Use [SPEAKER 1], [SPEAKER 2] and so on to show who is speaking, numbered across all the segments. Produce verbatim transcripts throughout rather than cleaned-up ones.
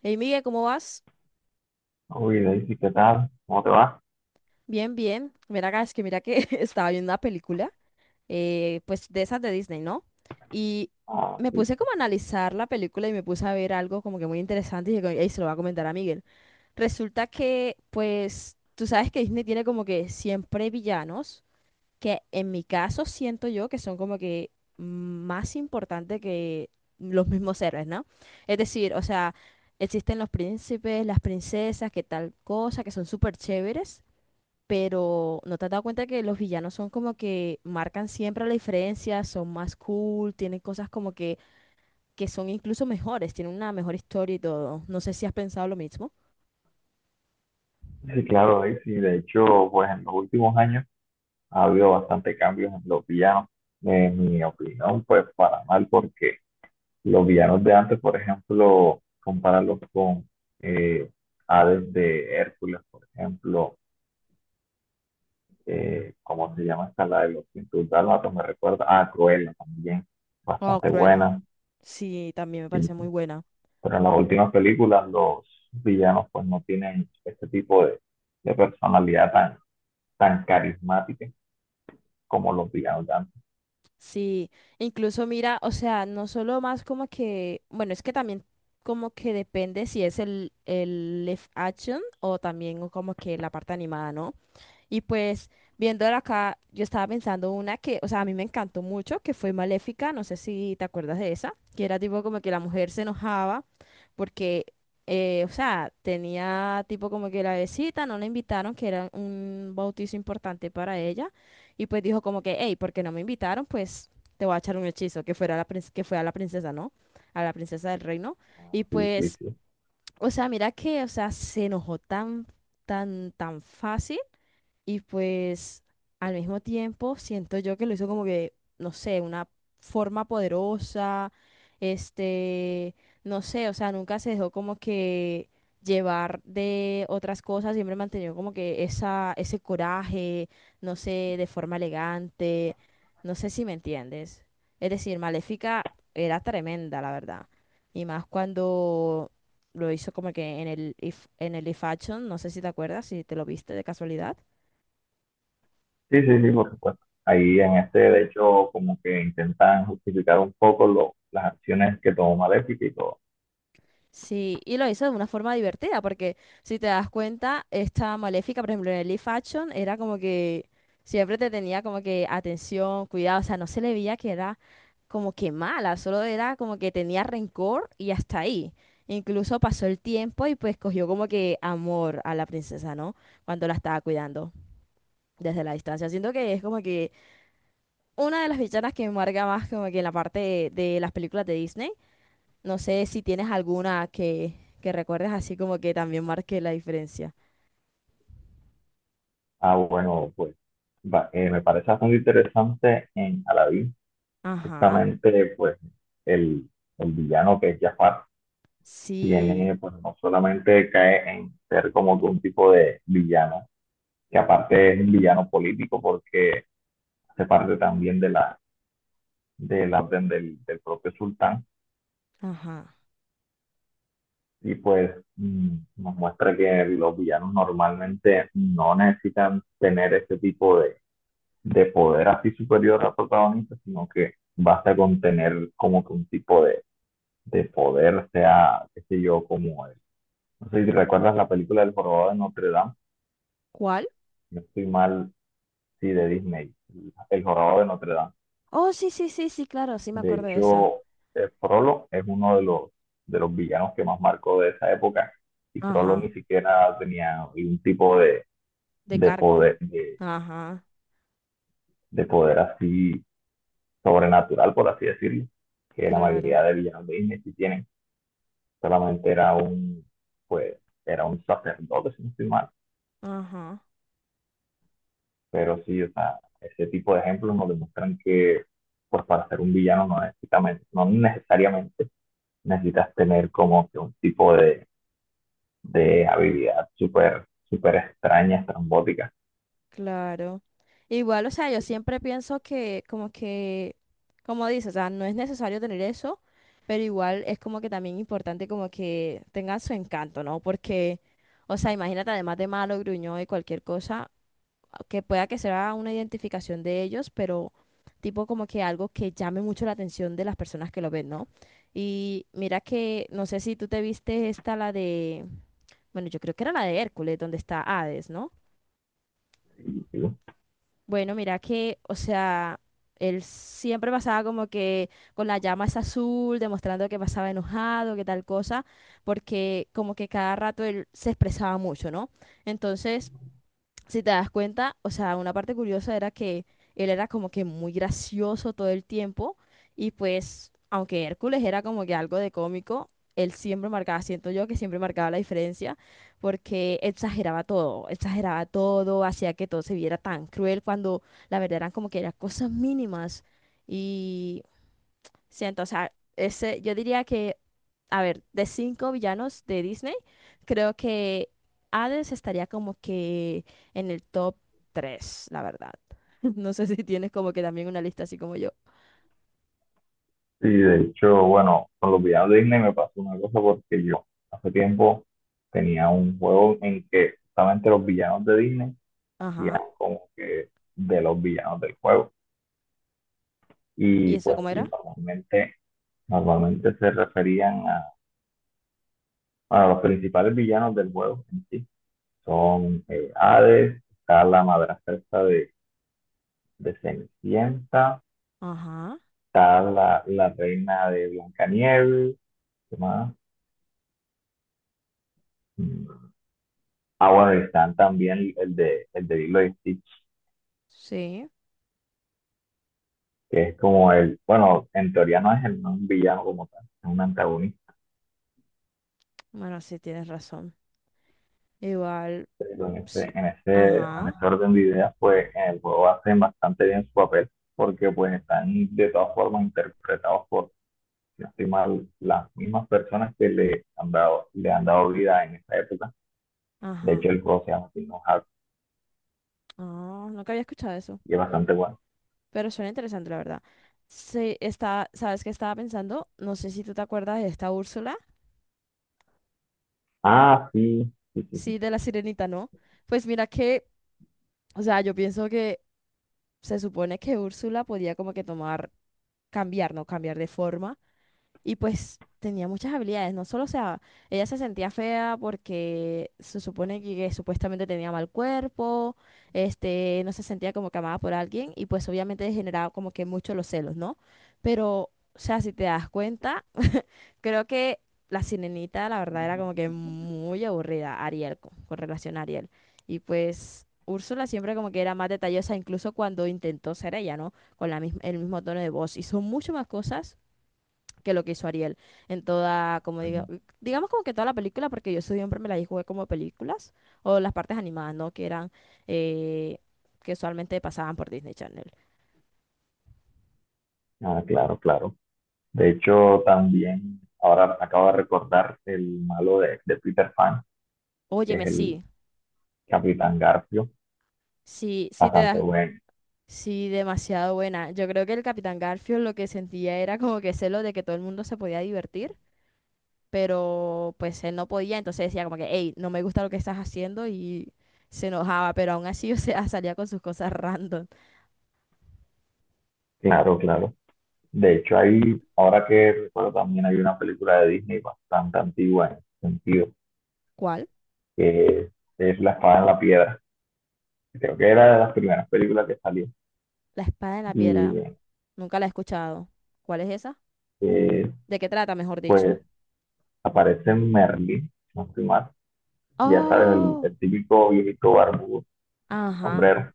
[SPEAKER 1] Hey Miguel, ¿cómo vas?
[SPEAKER 2] Uy, Daisy, ¿qué tal? ¿Cómo te va?
[SPEAKER 1] Bien, bien. Mira acá, es que mira que estaba viendo una película, eh, pues de esas de Disney, ¿no? Y
[SPEAKER 2] Ah,
[SPEAKER 1] me
[SPEAKER 2] sí,
[SPEAKER 1] puse como a analizar la película y me puse a ver algo como que muy interesante y dije, "Ey, se lo voy a comentar a Miguel. Resulta que, pues, tú sabes que Disney tiene como que siempre villanos, que en mi caso siento yo que son como que más importantes que los mismos héroes, ¿no? Es decir, o sea, existen los príncipes, las princesas, que tal cosa, que son súper chéveres, pero ¿no te has dado cuenta que los villanos son como que marcan siempre la diferencia, son más cool, tienen cosas como que, que son incluso mejores, tienen una mejor historia y todo? No sé si has pensado lo mismo.
[SPEAKER 2] sí, claro, Daisy. De hecho, pues en los últimos años ha habido bastante cambios en los villanos. En mi opinión, pues para mal, porque los villanos de antes, por ejemplo, compararlos con eh, Hades de Hércules, por ejemplo, eh, ¿cómo se llama esta? La de los cien dálmatas, me recuerda. Ah, Cruella también,
[SPEAKER 1] Oh,
[SPEAKER 2] bastante
[SPEAKER 1] Cruella.
[SPEAKER 2] buena.
[SPEAKER 1] Sí, también me
[SPEAKER 2] Sí,
[SPEAKER 1] parece muy
[SPEAKER 2] sí.
[SPEAKER 1] buena.
[SPEAKER 2] Pero en las últimas películas los villanos pues no tienen este tipo de, de personalidad tan, tan carismática como los villanos de antes.
[SPEAKER 1] Sí, incluso mira, o sea, no solo más como que, bueno, es que también como que depende si es el, el live action o también como que la parte animada, ¿no? Y pues viéndola acá, yo estaba pensando una que, o sea, a mí me encantó mucho, que fue Maléfica, no sé si te acuerdas de esa, que era tipo como que la mujer se enojaba porque, eh, o sea, tenía tipo como que la besita, no la invitaron, que era un bautizo importante para ella, y pues dijo como que, hey, ¿porque no me invitaron? Pues te voy a echar un hechizo, que fuera la prin- que fue a la princesa, ¿no? A la princesa del reino. Y
[SPEAKER 2] Sí, sí,
[SPEAKER 1] pues,
[SPEAKER 2] sí.
[SPEAKER 1] o sea, mira que, o sea, se enojó tan, tan, tan fácil y pues al mismo tiempo siento yo que lo hizo como que, no sé, una forma poderosa, este, no sé, o sea, nunca se dejó como que llevar de otras cosas, siempre mantenió como que esa, ese coraje, no sé, de forma elegante, no sé si me entiendes. Es decir, Maléfica era tremenda, la verdad. Y más cuando lo hizo como que en el, If- en el If Action, no sé si te acuerdas, si te lo viste de casualidad.
[SPEAKER 2] Sí, sí, sí, por supuesto. Ahí en este, de hecho, como que intentan justificar un poco lo- las acciones que tomó Maléfica y todo.
[SPEAKER 1] Sí, y lo hizo de una forma divertida, porque si te das cuenta, esta Maléfica, por ejemplo, en el live action, era como que siempre te tenía como que atención, cuidado, o sea, no se le veía que era como que mala, solo era como que tenía rencor y hasta ahí. Incluso pasó el tiempo y pues cogió como que amor a la princesa, ¿no? Cuando la estaba cuidando desde la distancia. Siento que es como que una de las villanas que me marca más como que en la parte de, de las películas de Disney, no sé si tienes alguna que, que recuerdes así como que también marque la diferencia.
[SPEAKER 2] Ah, bueno, pues va- eh, me parece bastante interesante en Aladdin,
[SPEAKER 1] Ajá,
[SPEAKER 2] justamente pues el, el villano que es Jafar
[SPEAKER 1] sí,
[SPEAKER 2] tiene, pues no solamente cae en ser como que un tipo de villano que aparte es un villano político porque hace parte también de la, de la orden del, del propio sultán
[SPEAKER 1] ajá.
[SPEAKER 2] y pues mm, nos muestra que los villanos normalmente no necesitan tener ese tipo de, de poder así superior al protagonista, sino que basta con tener como que un tipo de, de poder, sea, qué sé yo, como el- No sé si recuerdas la película del jorobado de Notre Dame,
[SPEAKER 1] ¿Cuál?
[SPEAKER 2] no estoy mal, sí, de Disney, el jorobado de Notre Dame.
[SPEAKER 1] Oh, sí, sí, sí, sí, claro, sí me
[SPEAKER 2] De
[SPEAKER 1] acuerdo de esa.
[SPEAKER 2] hecho, eh, Frollo es uno de los, de los villanos que más marcó de esa época y Frollo
[SPEAKER 1] Ajá,
[SPEAKER 2] ni siquiera tenía ningún tipo de,
[SPEAKER 1] de
[SPEAKER 2] de
[SPEAKER 1] cargo.
[SPEAKER 2] poder, de,
[SPEAKER 1] Ajá,
[SPEAKER 2] de poder así sobrenatural, por así decirlo, que la
[SPEAKER 1] claro,
[SPEAKER 2] mayoría de villanos de Disney sí tienen. Solamente era un, pues, era un sacerdote, si no estoy mal.
[SPEAKER 1] ajá,
[SPEAKER 2] Pero sí, o sea, ese tipo de ejemplos nos demuestran que, pues, para ser un villano no necesitamente, no necesariamente necesitas tener como que un tipo de de habilidad súper, súper extraña, estrambótica.
[SPEAKER 1] claro. Igual, o sea, yo siempre pienso que como que, como dices, o sea, no es necesario tener eso, pero igual es como que también importante como que tengan su encanto, ¿no? Porque o sea, imagínate, además de malo, gruñón y cualquier cosa, que pueda que sea una identificación de ellos, pero tipo como que algo que llame mucho la atención de las personas que lo ven, ¿no? Y mira que, no sé si tú te viste esta, la de, bueno, yo creo que era la de Hércules, donde está Hades, ¿no?
[SPEAKER 2] Y,
[SPEAKER 1] Bueno, mira que, o sea, él siempre pasaba como que con la llama es azul, demostrando que pasaba enojado, que tal cosa, porque como que cada rato él se expresaba mucho, ¿no? Entonces, si te das cuenta, o sea, una parte curiosa era que él era como que muy gracioso todo el tiempo y pues, aunque Hércules era como que algo de cómico, él siempre marcaba, siento yo que siempre marcaba la diferencia porque exageraba todo, exageraba todo, hacía que todo se viera tan cruel cuando la verdad eran como que eran cosas mínimas, y siento, o sea, ese, yo diría que, a ver, de cinco villanos de Disney, creo que Hades estaría como que en el top tres, la verdad. No sé si tienes como que también una lista así como yo.
[SPEAKER 2] y de hecho, bueno, con los villanos de Disney me pasó una cosa porque yo hace tiempo tenía un juego en que justamente los villanos de Disney hacían
[SPEAKER 1] Ajá.
[SPEAKER 2] como que de los villanos del juego.
[SPEAKER 1] ¿Y
[SPEAKER 2] Y
[SPEAKER 1] eso
[SPEAKER 2] pues
[SPEAKER 1] cómo
[SPEAKER 2] sí,
[SPEAKER 1] era?
[SPEAKER 2] normalmente, normalmente se referían a, bueno, los principales villanos del juego en sí. Son eh, Hades, está la madrastra esta de, de Cenicienta.
[SPEAKER 1] Ajá.
[SPEAKER 2] Está la, la reina de Blancanieves, ¿qué más? Mm. Ah, bueno, y están también el de, el de Lilo y Stitch,
[SPEAKER 1] Sí.
[SPEAKER 2] que es como el, bueno, en teoría no es, el, no es un villano como tal, es un antagonista,
[SPEAKER 1] Bueno, sí, tienes razón. Igual.
[SPEAKER 2] pero en
[SPEAKER 1] s-
[SPEAKER 2] ese, en ese, en
[SPEAKER 1] Ajá.
[SPEAKER 2] ese orden de ideas, pues en el juego hacen bastante bien su papel, porque pues están de todas formas interpretados por si no estoy mal, las mismas personas que le han dado, le han dado vida en esta época. De hecho,
[SPEAKER 1] Ajá.
[SPEAKER 2] el juego se llama Kingdom Hearts
[SPEAKER 1] Ah, nunca había escuchado eso.
[SPEAKER 2] y es bastante bueno.
[SPEAKER 1] Pero suena interesante, la verdad. Sí, está, ¿sabes qué estaba pensando? No sé si tú te acuerdas de esta Úrsula.
[SPEAKER 2] Ah, sí, sí, sí, sí.
[SPEAKER 1] Sí, de la sirenita, ¿no? Pues mira que, o sea, yo pienso que se supone que Úrsula podía como que tomar, cambiar, ¿no? Cambiar de forma. Y pues tenía muchas habilidades, no solo, o sea, ella se sentía fea porque se supone que, que, supuestamente tenía mal cuerpo, este, no se sentía como que amada por alguien y pues obviamente generaba como que mucho los celos, ¿no? Pero, o sea, si te das cuenta, creo que la sirenita, la verdad, era como que muy aburrida, Ariel, con, con relación a Ariel. Y pues Úrsula siempre como que era más detallosa, incluso cuando intentó ser ella, ¿no? Con la mis- el mismo tono de voz. Hizo mucho más cosas que lo que hizo Ariel en toda, como digo,
[SPEAKER 2] Sí.
[SPEAKER 1] digamos como que toda la película, porque yo siempre me la jugué como películas o las partes animadas, ¿no? Que eran, eh, que usualmente pasaban por Disney Channel.
[SPEAKER 2] Ah, claro, claro. De hecho, también ahora acabo de recordar el malo de, de Peter Pan, que es
[SPEAKER 1] Óyeme,
[SPEAKER 2] el
[SPEAKER 1] sí,
[SPEAKER 2] Capitán Garfio.
[SPEAKER 1] sí, sí te
[SPEAKER 2] Bastante
[SPEAKER 1] das,
[SPEAKER 2] bueno.
[SPEAKER 1] sí, demasiado buena. Yo creo que el Capitán Garfield lo que sentía era como que celo de que todo el mundo se podía divertir, pero pues él no podía, entonces decía como que, hey, no me gusta lo que estás haciendo y se enojaba, pero aún así, o sea, salía con sus cosas random.
[SPEAKER 2] Claro, claro. De hecho, ahí, ahora que recuerdo, también hay una película de Disney bastante antigua en ese sentido,
[SPEAKER 1] ¿Cuál?
[SPEAKER 2] que es La espada en la piedra. Creo que era de las primeras películas que salió.
[SPEAKER 1] La espada en la piedra.
[SPEAKER 2] Y
[SPEAKER 1] Nunca la he escuchado. ¿Cuál es esa?
[SPEAKER 2] eh,
[SPEAKER 1] ¿De qué trata, mejor dicho?
[SPEAKER 2] pues aparece Merlin, si no estoy mal. Ya sabes, el,
[SPEAKER 1] Oh,
[SPEAKER 2] el típico viejito barbudo,
[SPEAKER 1] ajá,
[SPEAKER 2] sombrero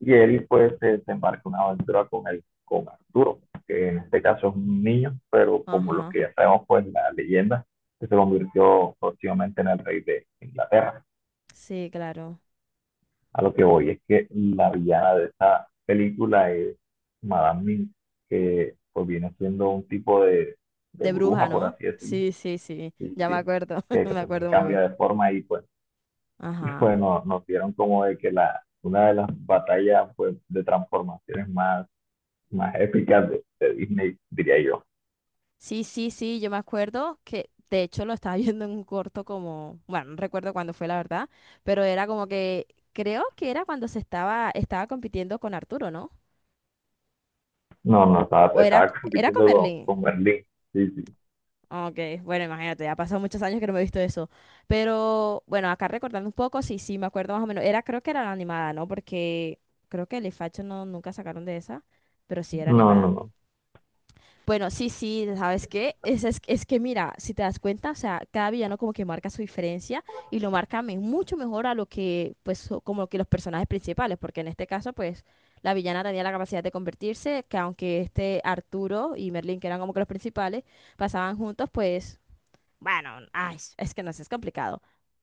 [SPEAKER 2] y él pues se, se embarca una aventura con él, con Arturo, que en este caso es un niño, pero como los
[SPEAKER 1] ajá.
[SPEAKER 2] que ya sabemos pues la leyenda, que se convirtió próximamente en el rey de Inglaterra.
[SPEAKER 1] Sí, claro.
[SPEAKER 2] A lo que voy es que la villana de esta película es Madame Mim, que pues viene siendo un tipo de, de
[SPEAKER 1] De bruja,
[SPEAKER 2] bruja, por
[SPEAKER 1] ¿no?
[SPEAKER 2] así decirlo,
[SPEAKER 1] Sí, sí, sí.
[SPEAKER 2] sí
[SPEAKER 1] Ya me
[SPEAKER 2] sí,
[SPEAKER 1] acuerdo.
[SPEAKER 2] que, que,
[SPEAKER 1] Me
[SPEAKER 2] también
[SPEAKER 1] acuerdo muy
[SPEAKER 2] cambia
[SPEAKER 1] bien.
[SPEAKER 2] de forma y pues, y
[SPEAKER 1] Ajá.
[SPEAKER 2] pues nos, nos dieron como de que la, una de las batallas pues, de transformaciones más más épicas de, de Disney, diría yo.
[SPEAKER 1] Sí, sí, sí. Yo me acuerdo que, de hecho, lo estaba viendo en un corto como, bueno, no recuerdo cuándo fue, la verdad, pero era como que, creo que era cuando se estaba, estaba compitiendo con Arturo, ¿no?
[SPEAKER 2] No, no, estaba,
[SPEAKER 1] O era,
[SPEAKER 2] estaba
[SPEAKER 1] c- era con
[SPEAKER 2] compitiendo
[SPEAKER 1] Merlín.
[SPEAKER 2] con, con Berlín. Sí, sí.
[SPEAKER 1] Ah, ok, bueno, imagínate, ya ha pasado muchos años que no me he visto eso. Pero bueno, acá recordando un poco, sí, sí, me acuerdo más o menos. Era, creo que era la animada, ¿no? Porque creo que el Facho no, nunca sacaron de esa, pero sí era
[SPEAKER 2] No, no,
[SPEAKER 1] animada.
[SPEAKER 2] no.
[SPEAKER 1] Bueno, sí, sí, ¿sabes qué? Es, es, es que mira, si te das cuenta, o sea, cada villano como que marca su diferencia y lo marca me- mucho mejor a lo que, pues, so- como que los personajes principales, porque en este caso, pues, la villana tenía la capacidad de convertirse, que aunque este Arturo y Merlin, que eran como que los principales, pasaban juntos, pues bueno, ay, es que no sé, es complicado.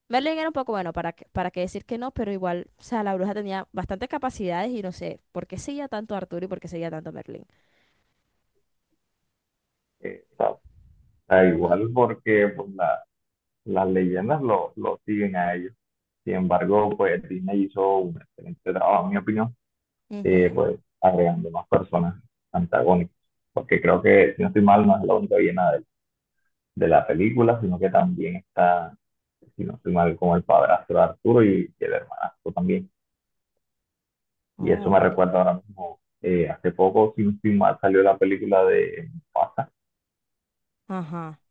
[SPEAKER 1] Merlin era un poco bueno, para, qué- para qué decir que no, pero igual, o sea, la bruja tenía bastantes capacidades y no sé por qué seguía tanto a Arturo y por qué seguía tanto a Merlin.
[SPEAKER 2] Eh, está, está
[SPEAKER 1] No-
[SPEAKER 2] igual porque pues, la- las leyendas lo, lo siguen a ellos. Sin embargo, pues Disney hizo un excelente trabajo, en mi opinión, eh,
[SPEAKER 1] Ujú.
[SPEAKER 2] pues agregando más personas antagónicas. Porque creo que, si no estoy mal, no es la única villana de, de la película, sino que también está, si no estoy mal, como el padrastro de Arturo y, y el hermanastro también. Y eso
[SPEAKER 1] Oh,
[SPEAKER 2] me
[SPEAKER 1] ok.
[SPEAKER 2] recuerda ahora mismo, eh, hace poco, sin estoy mal, salió la película de Mufasa
[SPEAKER 1] Ajá,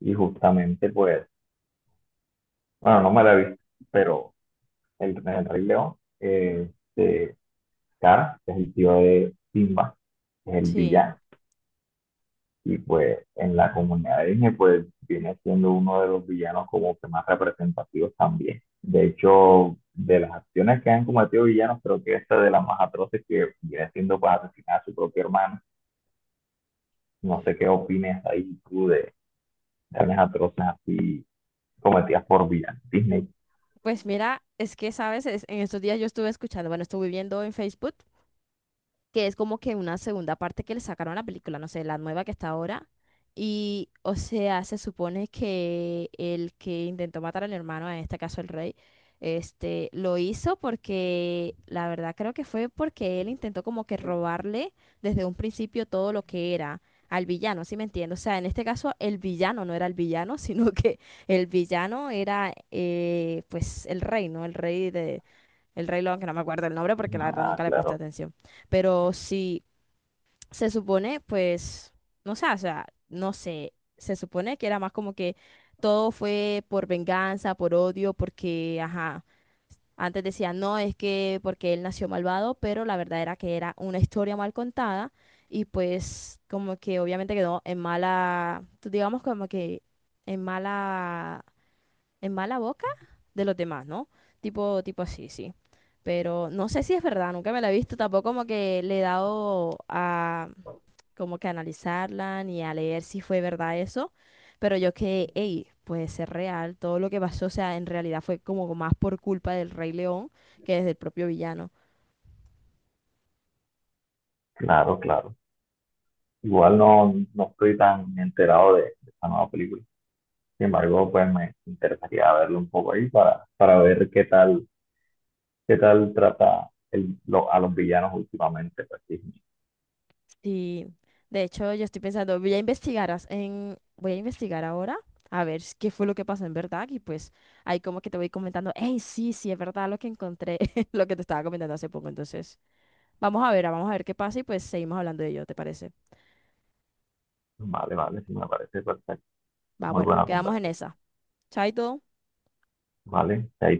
[SPEAKER 2] y justamente, pues, bueno, no me la he visto, pero el, el Rey León, eh, de Scar, que es el tío de Simba, que es el
[SPEAKER 1] sí.
[SPEAKER 2] villano, y pues en la comunidad de Disney, pues viene siendo uno de los villanos como que más representativos también. De hecho, de las acciones que han cometido villanos, creo que esta es de las más atroces que viene siendo pues asesinar a su propio hermano. No sé qué opinas ahí tú de, Ernest así cometidas por Vía Disney.
[SPEAKER 1] Pues mira, es que, ¿sabes? Es- en estos días yo estuve escuchando, bueno, estuve viendo en Facebook que es como que una segunda parte que le sacaron a la película, no sé, la nueva que está ahora. Y, o sea, se supone que el que intentó matar al hermano, en este caso el rey, este, lo hizo porque, la verdad creo que fue porque él intentó como que robarle desde un principio todo lo que era al villano, ¿sí me entiendes? O sea, en este caso el villano no era el villano, sino que el villano era, eh, pues, el rey, ¿no? El rey de, el Rey León, que no me acuerdo el nombre porque la verdad
[SPEAKER 2] Ah,
[SPEAKER 1] nunca le presté
[SPEAKER 2] claro,
[SPEAKER 1] atención. Pero sí, se supone, pues, no sé, o sea, no sé, se supone que era más como que todo fue por venganza, por odio, porque, ajá, antes decían, no, es que porque él nació malvado, pero la verdad era que era una historia mal contada y pues como que obviamente quedó en mala, digamos como que en mala en mala boca de los demás, ¿no? Tipo, tipo así, sí. Pero no sé si es verdad, nunca me la he visto, tampoco como que le he dado a como que analizarla ni a leer si fue verdad eso, pero yo que, hey, puede ser real, todo lo que pasó, o sea, en realidad fue como más por culpa del Rey León que desde el propio villano.
[SPEAKER 2] claro, claro. Igual no, no estoy tan enterado de, de esta nueva película. Sin embargo, pues me interesaría verlo un poco ahí para, para ver qué tal, qué tal trata el- lo- a los villanos últimamente. Pues, Disney.
[SPEAKER 1] Sí, de hecho yo estoy pensando, voy a investigar, as- en, voy a investigar ahora a ver s- qué fue lo que pasó en verdad y pues ahí como que te voy comentando, hey, sí, sí, es verdad lo que encontré, lo que te estaba comentando hace poco, entonces vamos a ver, ah, vamos a ver qué pasa y pues seguimos hablando de ello, ¿te parece?
[SPEAKER 2] Vale, vale, sí me parece perfecto.
[SPEAKER 1] Va,
[SPEAKER 2] Muy
[SPEAKER 1] bueno,
[SPEAKER 2] buena
[SPEAKER 1] quedamos en
[SPEAKER 2] conversación.
[SPEAKER 1] esa. Chaito.
[SPEAKER 2] Vale, chaito.